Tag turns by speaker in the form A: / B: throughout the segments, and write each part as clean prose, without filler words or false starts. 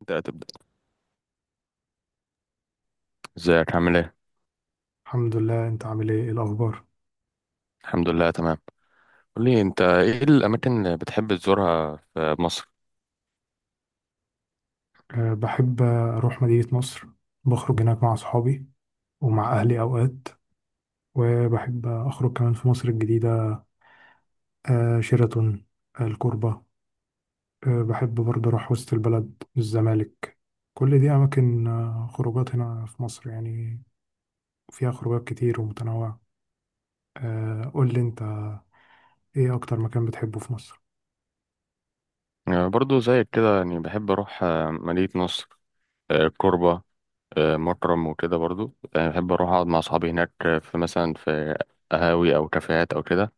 A: انت هتبدأ. ازيك عامل ايه؟
B: الحمد لله. انت عامل ايه؟ ايه الاخبار؟
A: الحمد لله تمام. قول لي، انت ايه الاماكن اللي بتحب تزورها في مصر؟
B: بحب اروح مدينة نصر. بخرج هناك مع صحابي ومع اهلي اوقات، وبحب اخرج كمان في مصر الجديدة، شيراتون، الكوربة. بحب برضه اروح وسط البلد، الزمالك. كل دي اماكن خروجات هنا في مصر يعني، فيها خروجات كتير ومتنوعة. قول لي انت، ايه اكتر مكان بتحبه في مصر؟
A: يعني برضو زيك كده، يعني بحب اروح مدينة نصر، كوربة، مكرم وكده. برضو يعني بحب اروح اقعد مع اصحابي هناك، في مثلا قهاوي او كافيهات او كده.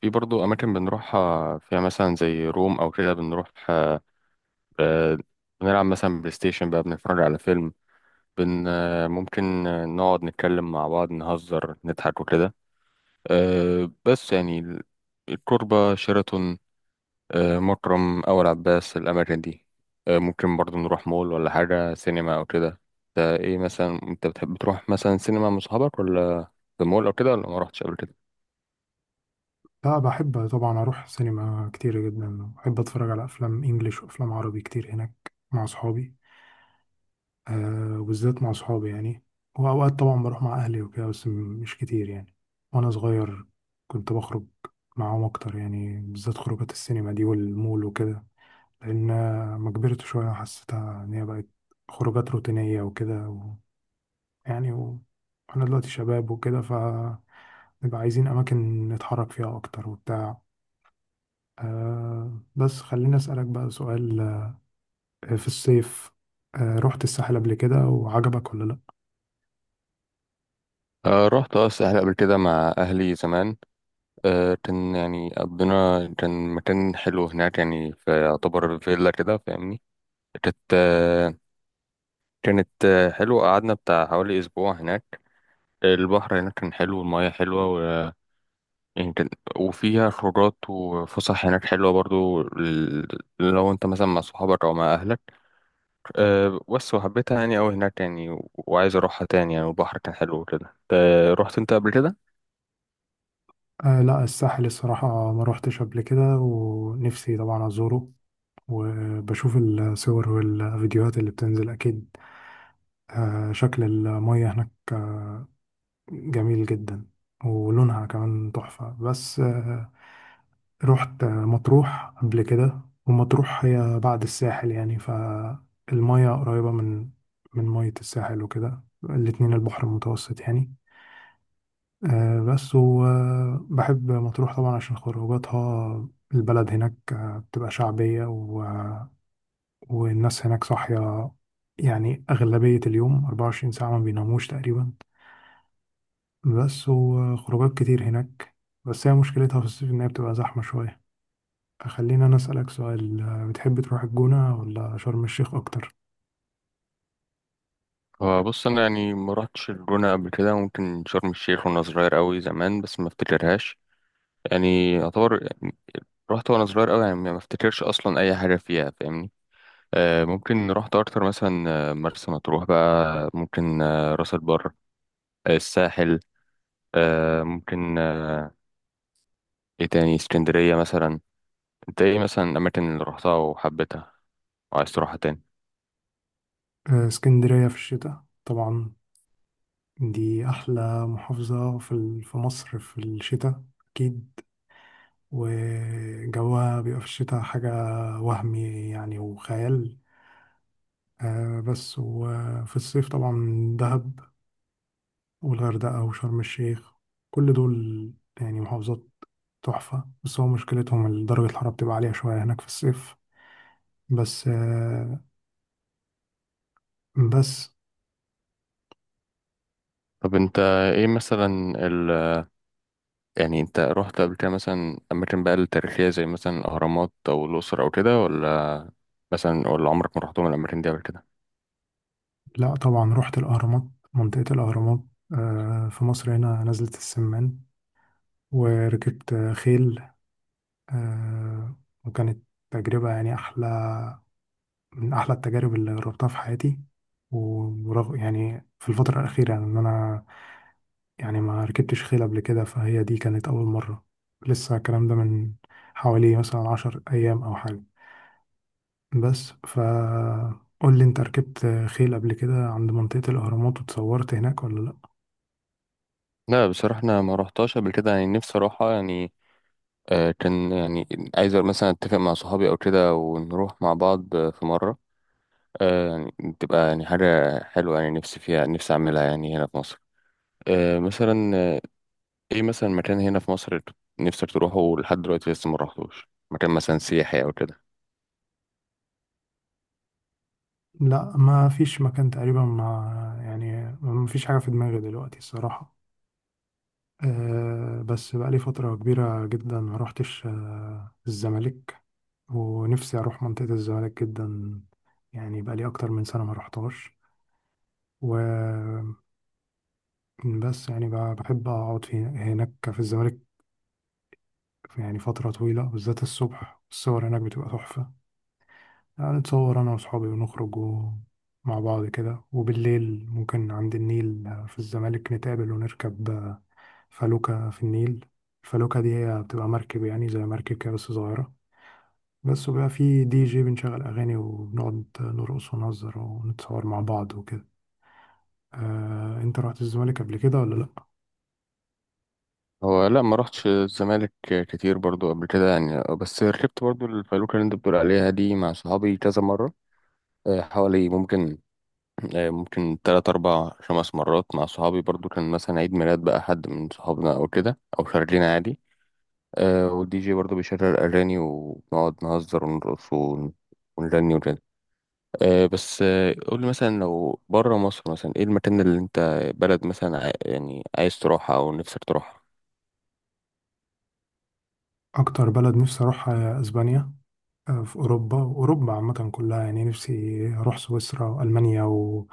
A: في برضو اماكن بنروحها فيها، مثلا زي روم او كده، بنروح آه، بنلعب مثلا بلاي ستيشن بقى، بنتفرج على فيلم، بن آه، ممكن نقعد نتكلم مع بعض، نهزر، نضحك وكده. بس يعني الكوربة، شيراتون، مكرم، أول عباس، الأماكن دي. ممكن برضو نروح مول ولا حاجة، سينما أو كده. ده إيه مثلا، أنت بتحب تروح مثلا سينما مع صحابك، ولا في المول أو كده، ولا ما رحتش قبل كده؟
B: لا، بحب طبعا اروح سينما كتير جدا. بحب اتفرج على افلام انجليش وافلام عربي كتير هناك مع صحابي، آه، وبالذات مع صحابي يعني. وأوقات طبعا بروح مع أهلي وكده، بس مش كتير يعني. وأنا صغير كنت بخرج معاهم أكتر، يعني بالذات خروجات السينما دي والمول وكده، لأن ما كبرت شوية حسيتها إن هي بقت خروجات روتينية وكده يعني و... أنا دلوقتي شباب وكده، فنبقى عايزين أماكن نتحرك فيها أكتر وبتاع. آه، بس خليني أسألك بقى سؤال. آه، في الصيف، آه، رحت الساحل قبل كده وعجبك ولا لأ؟
A: أه، رحت الساحل قبل كده مع أهلي زمان. كان يعني قضينا، كان مكان حلو هناك، يعني في، يعتبر فيلا كده، فاهمني. كانت آه، كانت حلوة. قعدنا بتاع حوالي أسبوع هناك. البحر هناك كان حلو، والمياه حلوة يمكن. وفيها خروجات وفسح هناك حلوة برضو، لو انت مثلا مع صحابك او مع اهلك. بس وحبيتها يعني اوي هناك، يعني وعايز اروحها تاني، يعني والبحر كان حلو وكده. انت رحت انت قبل كده؟
B: آه، لا، الساحل الصراحة ما روحتش قبل كده، ونفسي طبعا أزوره. وبشوف الصور والفيديوهات اللي بتنزل أكيد، آه، شكل المية هناك آه، جميل جدا، ولونها كمان تحفة. بس آه، رحت آه، مطروح قبل كده. ومطروح هي بعد الساحل يعني، فالمية قريبة من مية الساحل وكده، الاتنين البحر المتوسط يعني. آه، بس وبحب مطروح طبعا عشان خروجاتها. البلد هناك آه، بتبقى شعبية والناس هناك صاحية، يعني أغلبية اليوم 24 ساعة ما بيناموش تقريبا. بس وخروجات كتير هناك، بس هي مشكلتها في الصيف إن هي بتبقى زحمة شوية. خلينا أنا أسألك سؤال، آه، بتحب تروح الجونة ولا شرم الشيخ أكتر؟
A: هو بص، انا يعني ما رحتش الجونة قبل كده. ممكن شرم الشيخ وانا صغير اوي زمان، بس ما افتكرهاش. يعني يعتبر رحت وانا صغير اوي، يعني ما افتكرش اصلا اي حاجة فيها، فاهمني. ممكن رحت اكتر مثلا، مرسى مطروح بقى، ممكن راس البر، الساحل، ممكن، ايه تاني، اسكندرية مثلا. انت ايه مثلا الأماكن اللي روحتها وحبيتها وعايز تروحها تاني؟
B: آه، اسكندرية في الشتاء طبعا، دي أحلى محافظة في مصر في الشتاء أكيد. وجوها بيبقى في الشتاء حاجة وهمي يعني، وخيال. آه بس، وفي الصيف طبعا دهب والغردقة وشرم الشيخ، كل دول يعني محافظات تحفة. بس هو مشكلتهم إن درجة الحرارة بتبقى عالية شوية هناك في الصيف. بس آه بس
A: طب انت، ايه مثلا ال يعني، انت رحت قبل كده مثلا أماكن بقى التاريخية زي مثلا الأهرامات أو الأقصر أو كده، ولا مثلا، ولا عمرك ما رحتهم الأماكن دي قبل كده؟
B: لا، طبعا رحت الأهرامات، منطقة الأهرامات آه، في مصر هنا، نزلة السمان. وركبت آه، خيل، آه، وكانت تجربة يعني أحلى من أحلى التجارب اللي جربتها في حياتي. ورغم يعني في الفترة الأخيرة يعني إن أنا يعني ما ركبتش خيل قبل كده، فهي دي كانت أول مرة. لسه الكلام ده من حوالي مثلا عشر أيام أو حاجة. بس فقول لي أنت، ركبت خيل قبل كده عند منطقة الأهرامات وتصورت هناك ولا لأ؟
A: لا بصراحة أنا ما رحتهاش قبل كده، يعني نفسي أروحها يعني. كان يعني عايز مثلا أتفق مع صحابي أو كده ونروح مع بعض في مرة. آه يعني تبقى يعني حاجة حلوة، يعني نفسي فيها، نفسي أعملها يعني هنا في مصر، مثلا ايه مثلا مكان هنا في مصر نفسك تروحه لحد دلوقتي، لسه ما رحتوش؟ مكان مثلا سياحي او كده.
B: لأ، ما فيش مكان تقريبا، ما فيش حاجة في دماغي دلوقتي الصراحة. أه بس بقالي فترة كبيرة جدا ما روحتش آه، الزمالك، ونفسي أروح منطقة الزمالك جدا. يعني بقالي أكتر من سنة ما رحتهاش. وبس، يعني بحب أقعد في هناك في الزمالك يعني فترة طويلة. بالذات الصبح، الصور هناك بتبقى تحفة. يعني نتصور أنا وأصحابي ونخرج مع بعض كده. وبالليل ممكن عند النيل في الزمالك نتقابل ونركب فلوكة في النيل. الفلوكة دي هي بتبقى مركب، يعني زي مركب كده بس صغيرة. بس وبقى في دي جي بنشغل أغاني وبنقعد نرقص ونهزر ونتصور مع بعض وكده. آه، أنت رحت الزمالك قبل كده ولا لأ؟
A: هو لا، ما رحتش الزمالك كتير برضو قبل كده يعني، بس ركبت برضو الفلوكة اللي انت بتقول عليها دي مع صحابي كذا مرة، حوالي ممكن 3 4 5 مرات مع صحابي. برضو كان مثلا عيد ميلاد بقى حد من صحابنا أو كده، أو خارجين عادي. والدي جي برضو بيشغل أغاني، ونقعد نهزر ونرقص ونغني. بس قول لي مثلا لو بره مصر، مثلا ايه المكان اللي انت، بلد مثلا يعني عايز تروحها او نفسك تروحها؟
B: أكتر بلد نفسي أروحها هي أسبانيا، آه، في أوروبا. وأوروبا عامة كلها يعني، نفسي أروح سويسرا وألمانيا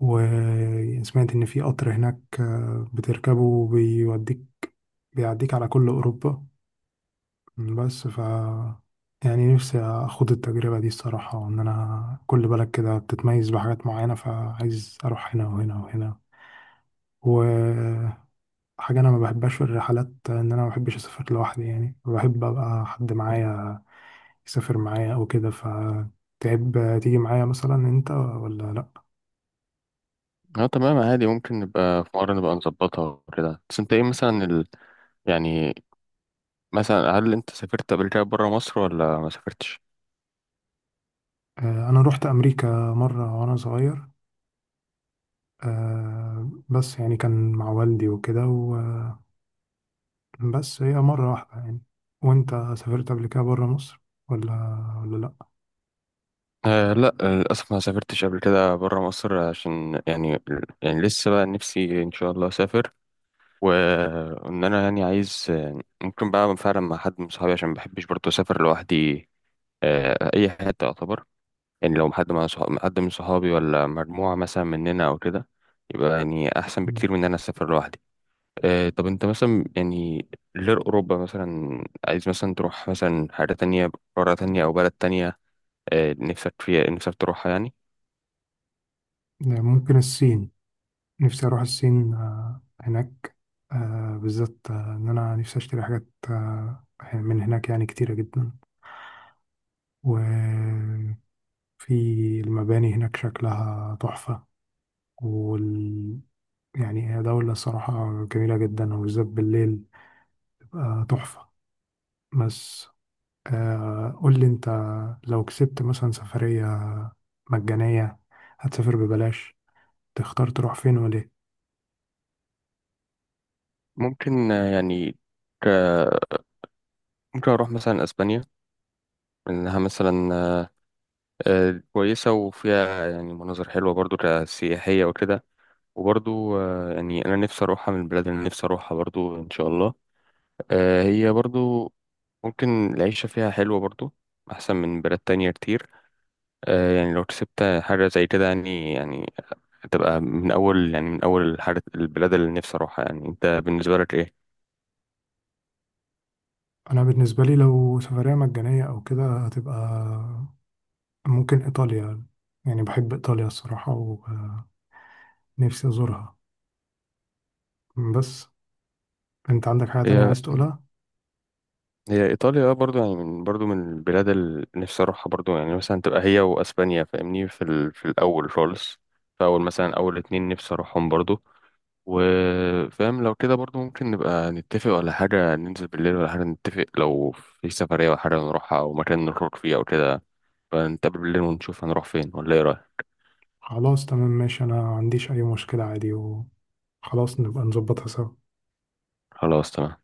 B: وسمعت إن في قطر هناك آه، بتركبه وبيوديك، بيعديك على كل أوروبا. بس ف يعني نفسي أخوض التجربة دي الصراحة، وإن أنا كل بلد كده بتتميز بحاجات معينة، فعايز أروح هنا وهنا وهنا. وحاجة أنا ما بحبهاش في الرحلات، إن أنا ما بحبش أسافر لوحدي. يعني بحب أبقى حد معايا يسافر معايا أو كده. فتحب تيجي معايا مثلا أنت ولا لأ؟
A: اه تمام عادي، ممكن نبقى في مرة نبقى نظبطها وكده. بس انت، ايه مثلا يعني، مثلا هل انت سافرت قبل كده بره مصر ولا ما سافرتش؟
B: آه، أنا روحت أمريكا مرة وأنا صغير، آه، بس يعني كان مع والدي وكده، وبس هي مرة واحدة يعني. وأنت سافرت قبل كده برا مصر ولا ولا لأ؟
A: آه لا للأسف، ما سافرتش قبل كده بره مصر، عشان يعني لسه بقى نفسي إن شاء الله أسافر، وإن أنا يعني عايز، ممكن بقى فعلا مع حد من صحابي، عشان ما بحبش برضه أسافر لوحدي. اي حته يعتبر، يعني لو حد مع صحاب، حد من صحابي ولا مجموعه مثلا مننا او كده، يبقى يعني احسن
B: مم.
A: بكتير من ان انا اسافر لوحدي. طب انت مثلا يعني، غير اوروبا مثلا عايز مثلا تروح مثلا حاجه تانية، قاره تانية او بلد تانية، نفسك فيها، نفسك تروحها يعني؟
B: يعني ممكن الصين. نفسي أروح الصين آه، هناك، آه، بالذات آه، إن أنا نفسي أشتري حاجات آه، من هناك يعني كتيرة جدا. وفي المباني هناك شكلها تحفة. وال يعني هي دولة الصراحة جميلة جدا، وبالذات بالليل تبقى تحفة. بس آه، قول لي أنت، لو كسبت مثلا سفرية مجانية، هتسافر ببلاش، تختار تروح فين وليه؟
A: ممكن يعني ك... ممكن اروح مثلا اسبانيا، لانها مثلا كويسه، وفيها يعني مناظر حلوه برضو كسياحيه وكده. وبرضو يعني انا نفسي اروحها، من البلاد اللي أنا نفسي اروحها برضو ان شاء الله. هي برضو ممكن العيشة فيها حلوة، برضو احسن من بلاد تانية كتير. يعني لو كسبت حاجة زي كده يعني تبقى من اول الحاجة، البلاد اللي نفسي اروحها. يعني انت بالنسبة لك ايه؟
B: أنا بالنسبة لي لو سفرية مجانية أو كده، هتبقى ممكن إيطاليا. يعني بحب إيطاليا الصراحة، ونفسي أزورها. بس أنت عندك حاجة تانية
A: هي
B: عايز تقولها؟
A: هي ايطاليا برضو يعني من برضو البلاد اللي نفسي اروحها برضو، يعني مثلا تبقى هي واسبانيا، فاهمني، في الاول خالص. فاول مثلا، اول اتنين نفسي اروحهم برضو. وفاهم، لو كده برضو ممكن نبقى نتفق ولا حاجة، ننزل بالليل ولا حاجة، نتفق لو في سفرية ولا حاجة نروحها، أو مكان نخرج فيه أو كده. فنتقابل بالليل ونشوف هنروح فين، ولا إيه رأيك؟
B: خلاص تمام ماشي، أنا ما عنديش أي مشكلة عادي، وخلاص نبقى نظبطها سوا.
A: خلاص تمام.